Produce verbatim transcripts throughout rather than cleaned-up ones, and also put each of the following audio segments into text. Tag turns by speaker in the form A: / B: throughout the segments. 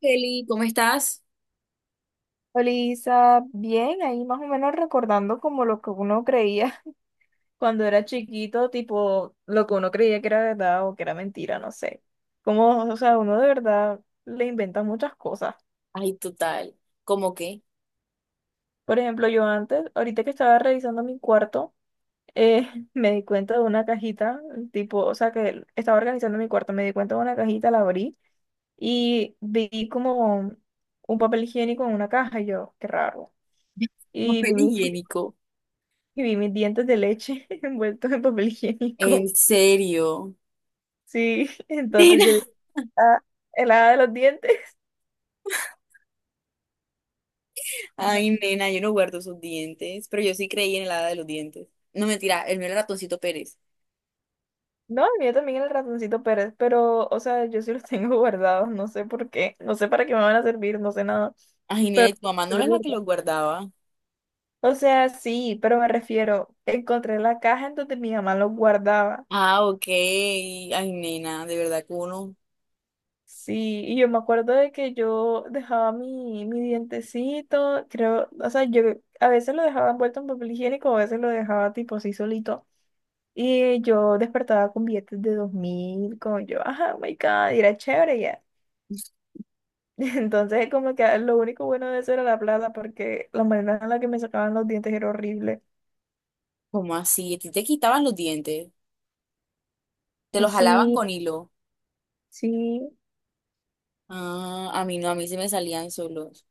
A: Kelly, ¿cómo estás?
B: Olisa, bien, ahí más o menos recordando como lo que uno creía cuando era chiquito, tipo lo que uno creía que era verdad o que era mentira, no sé. Como, o sea, uno de verdad le inventa muchas cosas.
A: Ay, total. ¿Cómo qué?
B: Por ejemplo, yo antes, ahorita que estaba revisando mi cuarto, eh, me di cuenta de una cajita, tipo, o sea, que estaba organizando mi cuarto, me di cuenta de una cajita, la abrí y vi como un papel higiénico en una caja y yo, qué raro. Y
A: Papel
B: vi
A: higiénico.
B: y vi mis dientes de leche envueltos en papel
A: En
B: higiénico.
A: serio.
B: Sí, entonces
A: Nena,
B: yo dije, ah, el hada de los dientes.
A: ay, nena, yo no guardo sus dientes, pero yo sí creí en el hada de los dientes. No, mentira, el mío era Ratoncito Pérez.
B: No, el mío también era el ratoncito Pérez, pero, o sea, yo sí los tengo guardados, no sé por qué, no sé para qué me van a servir, no sé nada,
A: Ay, nena, ¿y
B: pero...
A: tu mamá no era la que los guardaba?
B: O sea, sí, pero me refiero, encontré la caja en donde mi mamá los guardaba.
A: Ah, ok. Ay, nena, de verdad que uno...
B: Sí, y yo me acuerdo de que yo dejaba mi, mi dientecito, creo, o sea, yo a veces lo dejaba envuelto en papel higiénico, a veces lo dejaba tipo así solito. Y yo despertaba con billetes de dos mil como yo, ajá, oh my God, y era chévere ya. Entonces, como que ah, lo único bueno de eso era la plata, porque la manera en la que me sacaban los dientes era horrible.
A: ¿cómo así? ¿A ti te quitaban los dientes? ¿Te los jalaban
B: Sí,
A: con hilo?
B: sí,
A: Ah, a mí no, a mí se me salían solos.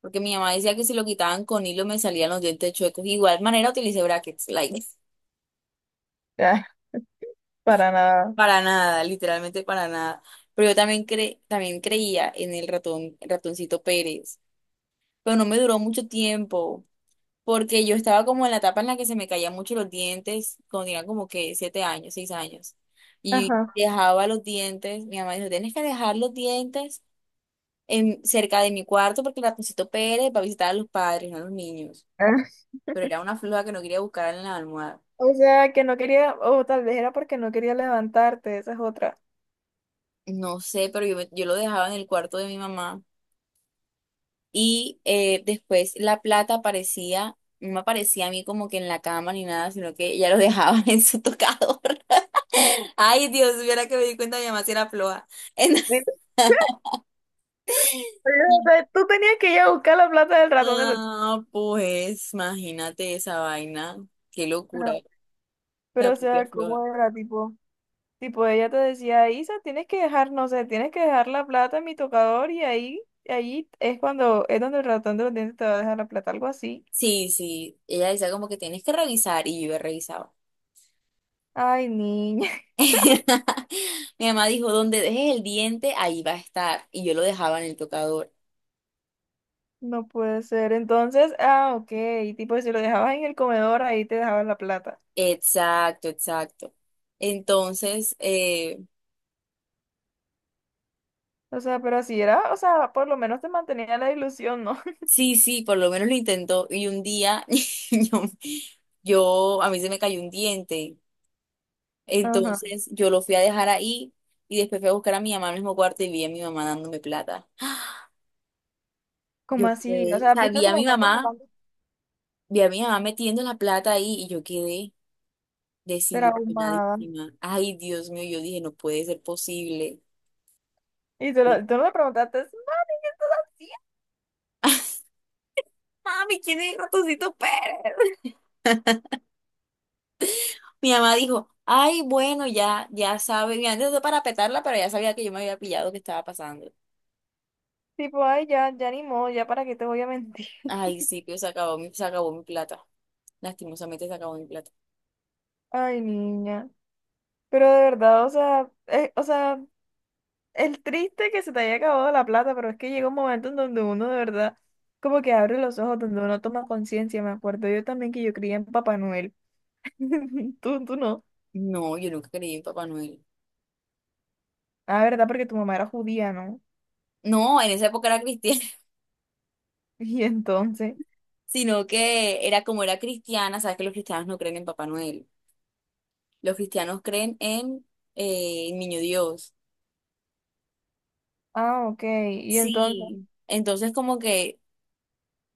A: Porque mi mamá decía que si lo quitaban con hilo me salían los dientes chuecos. Igual manera utilicé brackets, like.
B: ah, para nada.
A: Para nada, literalmente para nada. Pero yo también cre- también creía en el ratón, el ratoncito Pérez. Pero no me duró mucho tiempo, porque yo estaba como en la etapa en la que se me caían mucho los dientes, cuando tenía como que siete años, seis años. Y
B: Ajá.
A: dejaba los dientes, mi mamá dijo, tienes que dejar los dientes en, cerca de mi cuarto porque el ratoncito Pérez va a visitar a los padres, no a los niños.
B: Ah.
A: Pero era una floja que no quería buscar en la almohada.
B: O sea, que no quería, o tal vez era porque no quería levantarte, esa es otra.
A: No sé, pero yo, me- yo lo dejaba en el cuarto de mi mamá. Y eh, después la plata aparecía, no me aparecía a mí como que en la cama ni nada, sino que ella lo dejaba en su tocador. Ay, Dios, viera que me di cuenta, mi mamá si era floja.
B: Sí.
A: Entonces,
B: O sea, tú tenías que ir a buscar la plata del ratón de los...
A: ah, pues, imagínate esa vaina. Qué locura,
B: Pero,
A: la
B: pero, o
A: propia
B: sea,
A: floja.
B: ¿cómo era, tipo? Tipo, ella te decía, Isa, tienes que dejar, no sé, tienes que dejar la plata en mi tocador y ahí, ahí es cuando, es donde el ratón de los dientes te va a dejar la plata, algo así.
A: Sí, sí, ella decía como que tienes que revisar y yo revisaba.
B: Ay, niña,
A: Mi mamá dijo, donde dejes el diente, ahí va a estar. Y yo lo dejaba en el tocador.
B: no puede ser. Entonces, ah, ok, tipo, si lo dejabas en el comedor, ahí te dejaban la plata.
A: Exacto, exacto. Entonces, eh,
B: O sea, pero así era, o sea, por lo menos te mantenía la ilusión, ¿no?
A: sí, sí, por lo menos lo intentó y un día, yo, yo- a mí se me cayó un diente.
B: Ajá.
A: Entonces yo lo fui a dejar ahí y después fui a buscar a mi mamá al mismo cuarto y vi a mi mamá dándome plata.
B: ¿Cómo
A: Yo
B: así? O
A: quedé, o
B: sea,
A: sea,
B: viste a
A: vi
B: tu
A: a mi
B: mamá como
A: mamá,
B: tanto
A: vi a mi mamá metiendo la plata ahí y yo quedé
B: traumada.
A: desilusionadísima. Ay, Dios mío, yo dije, no puede ser posible.
B: Y tú, lo- tú no le preguntaste, mami, ¿qué estás haciendo?
A: Mami, ¿quién es Ratoncito Pérez? Mi mamá dijo, ay, bueno, ya, ya sabe, y antes de para petarla, pero ya sabía que yo me había pillado que estaba pasando.
B: Tipo, ay, ya, ya ni modo, ya para qué te voy a mentir.
A: Ay, sí, pero se acabó mi, se acabó mi plata. Lastimosamente se acabó mi plata.
B: Ay, niña. Pero de verdad, o sea, eh, o sea, el triste que se te haya acabado la plata, pero es que llega un momento en donde uno de verdad como que abre los ojos, donde uno toma conciencia. Me acuerdo yo también que yo creía en Papá Noel. Tú, tú no.
A: No, yo nunca creí en Papá Noel.
B: Ah, verdad, porque tu mamá era judía, ¿no?
A: No, en esa época era cristiana,
B: Y entonces,
A: sino que era, como era cristiana, sabes que los cristianos no creen en Papá Noel. Los cristianos creen en eh, en Niño Dios.
B: ah, ok, y entonces,
A: Sí. Entonces como que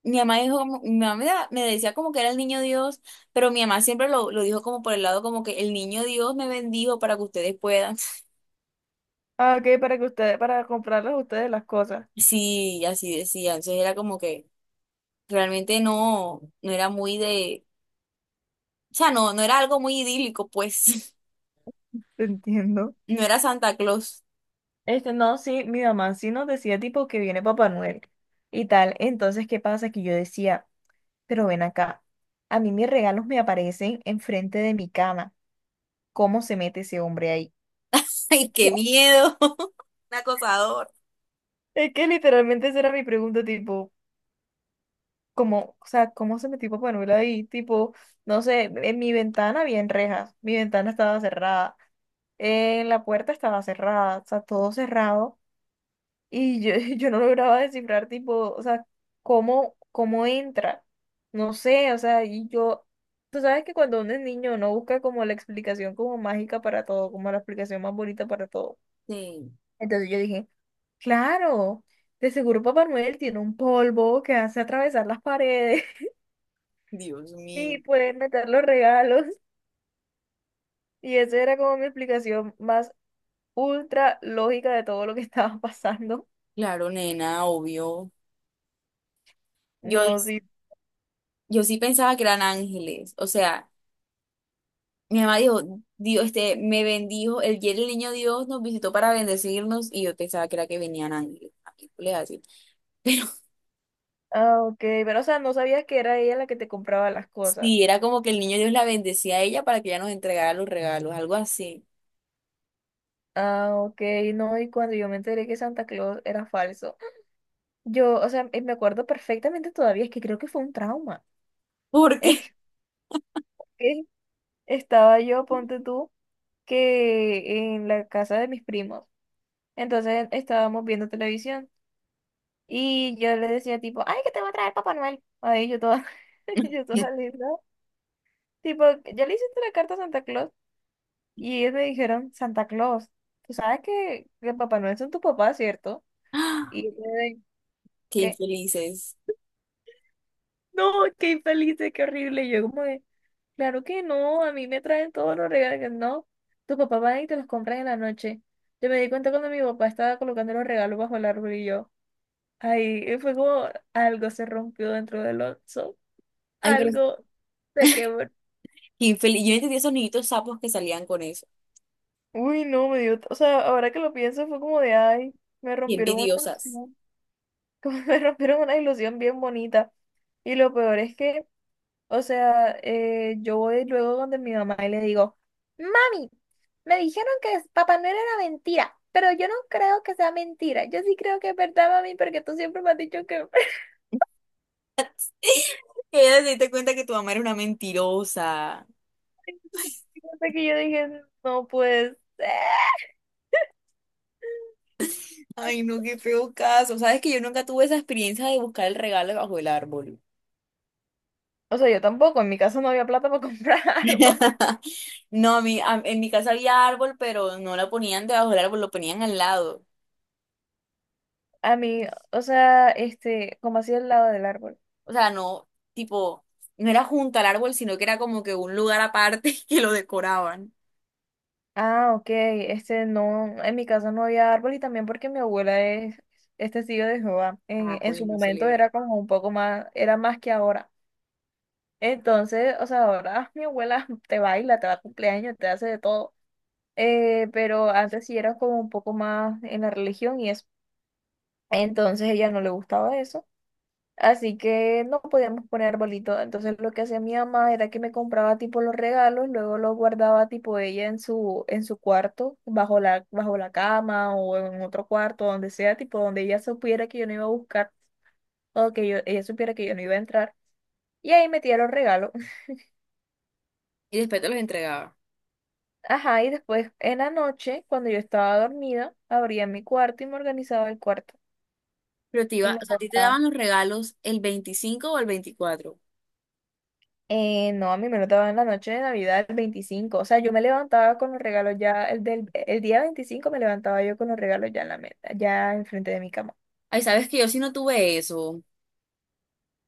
A: mi mamá dijo, como- mi mamá me da- me decía como que era el niño Dios, pero mi mamá siempre lo, lo dijo como por el lado como que el niño Dios me bendijo para que ustedes puedan.
B: ah, ok, para que ustedes, para comprarles a ustedes las cosas.
A: Sí, así decía. Entonces era como que realmente no, no era muy de, o sea, no, no era algo muy idílico, pues.
B: Te entiendo.
A: No era Santa Claus.
B: Este, no, sí, mi mamá sí nos decía tipo que viene Papá Noel y tal. Entonces, ¿qué pasa? Que yo decía. Pero ven acá, a mí mis regalos me aparecen enfrente de mi cama. ¿Cómo se mete ese hombre ahí?
A: ¡Ay, qué miedo! Un acosador.
B: Es que literalmente esa era mi pregunta, tipo, ¿cómo, o sea, cómo se metió Papá Noel ahí? Tipo, no sé, en mi ventana había rejas, mi ventana estaba cerrada, eh, la puerta estaba cerrada, o sea, todo cerrado. Y yo, yo no lograba descifrar, tipo, o sea, cómo, cómo entra. No sé, o sea, y yo, tú sabes que cuando uno es niño no busca como la explicación como mágica para todo, como la explicación más bonita para todo.
A: Sí,
B: Entonces yo dije, claro, de seguro Papá Noel tiene un polvo que hace atravesar las paredes
A: Dios mío.
B: y pueden meter los regalos. Y esa era como mi explicación más ultra lógica de todo lo que estaba pasando.
A: Claro, nena, obvio.
B: No,
A: Yo,
B: sí.
A: yo sí pensaba que eran ángeles. O sea, mi mamá dijo, Dios, este, me bendijo, el día del niño Dios nos visitó para bendecirnos, y yo pensaba que era que venían ángeles, películas así. Pero
B: Ah, ok, pero o sea, no sabías que era ella la que te compraba las cosas.
A: sí, era como que el niño Dios la bendecía a ella para que ella nos entregara los regalos, algo así.
B: Ah, ok, no, y cuando yo me enteré que Santa Claus era falso, yo, o sea, eh, me acuerdo perfectamente todavía, es que creo que fue un trauma.
A: ¿Por
B: Es
A: qué?
B: que estaba yo, ponte tú, que en la casa de mis primos, entonces estábamos viendo televisión y yo le decía tipo, ay, que te va a traer Papá Noel. Ahí yo toda, yo toda linda, tipo, ¿ya le hiciste la carta a Santa Claus? Y ellos me dijeron, Santa Claus, tú sabes que, que Papá Noel son tu papá, ¿cierto?
A: ¡Ah!
B: Y yo quedé,
A: Qué
B: ¿qué?
A: infelices.
B: No, qué infelices, qué horrible. Y yo como de, claro que no, a mí me traen todos los regalos. Que no, tu papá va y te los compra en la noche. Yo me di cuenta cuando mi papá estaba colocando los regalos bajo el árbol y yo, ay, y fue como algo se rompió dentro del oso,
A: Ay, pero
B: algo se quebró.
A: qué infeliz. Yo no entendía esos niñitos sapos que salían con eso.
B: Uy, no, me dio, o sea, ahora que lo pienso fue como de, ay, me
A: Qué
B: rompieron una
A: envidiosas.
B: como me rompieron una ilusión bien bonita. Y lo peor es que, o sea, eh, yo voy luego donde mi mamá y le digo, mami, me dijeron que es- Papá Noel era mentira, pero yo no creo que sea mentira. Yo sí creo que es verdad, mami, porque tú siempre me has dicho que...
A: Que ellas se diste cuenta que tu mamá era una mentirosa.
B: Hasta que yo dije, no, pues...
A: Ay, no, qué feo caso. Sabes que yo nunca tuve esa experiencia de buscar el regalo bajo el árbol.
B: O sea, yo tampoco, en mi casa no había plata para comprar árbol.
A: No, a mí, a- en mi casa había árbol, pero no lo ponían debajo del árbol, lo ponían al lado.
B: A mí, o sea, este, como así al lado del árbol.
A: O sea, no, tipo, no era junto al árbol, sino que era como que un lugar aparte que lo decoraban.
B: Ah, ok. Este no, en mi casa no había árbol y también porque mi abuela es, es testigo de Jehová. En,
A: Ah,
B: en
A: pues
B: su
A: no se
B: momento
A: libra.
B: era como un poco más, era más que ahora. Entonces, o sea, ahora mi abuela te baila, te va a cumpleaños, te hace de todo. Eh, pero antes sí era como un poco más en la religión y eso. Entonces ella no le gustaba eso. Así que no podíamos poner arbolito. Entonces lo que hacía mi mamá era que me compraba tipo los regalos, luego los guardaba tipo ella en su, en su cuarto, bajo la, bajo la cama o en otro cuarto, donde sea, tipo donde ella supiera que yo no iba a buscar o que yo, ella supiera que yo no iba a entrar. Y ahí metía los regalos.
A: Y después te los entregaba.
B: Ajá, y después en la noche, cuando yo estaba dormida, abría mi cuarto y me organizaba el cuarto.
A: Pero te
B: Y
A: iba,
B: me
A: o sea, ¿a ti te
B: acostaba.
A: daban los regalos el veinticinco o el veinticuatro?
B: Eh, no, a mí me lo daban en la noche de Navidad, el veinticinco. O sea, yo me levantaba con los regalos ya, el del, el día veinticinco me levantaba yo con los regalos ya en la mesa, ya enfrente de mi cama.
A: Ay, sabes que yo sí no tuve eso. O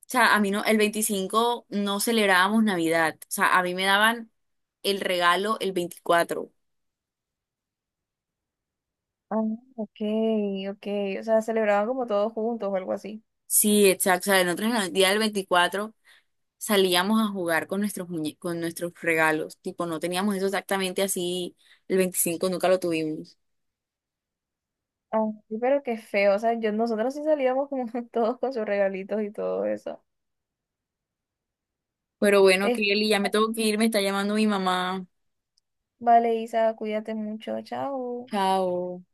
A: sea, a mí no, el veinticinco no celebrábamos Navidad. O sea, a mí me daban el regalo el veinticuatro.
B: Ah, ok, ok. O sea, celebraban como todos juntos o algo así.
A: Sí, exacto. O sea, nosotros en el día del veinticuatro salíamos a jugar con nuestros muñe- con nuestros regalos. Tipo, no teníamos eso exactamente así. El veinticinco nunca lo tuvimos.
B: Ah, sí, pero qué feo. O sea, yo, nosotros sí salíamos como todos con sus regalitos y todo eso.
A: Pero bueno,
B: Es-
A: Kelly, ya me tengo que ir, me está llamando mi mamá.
B: vale, Isa, cuídate mucho. Chao.
A: Chao.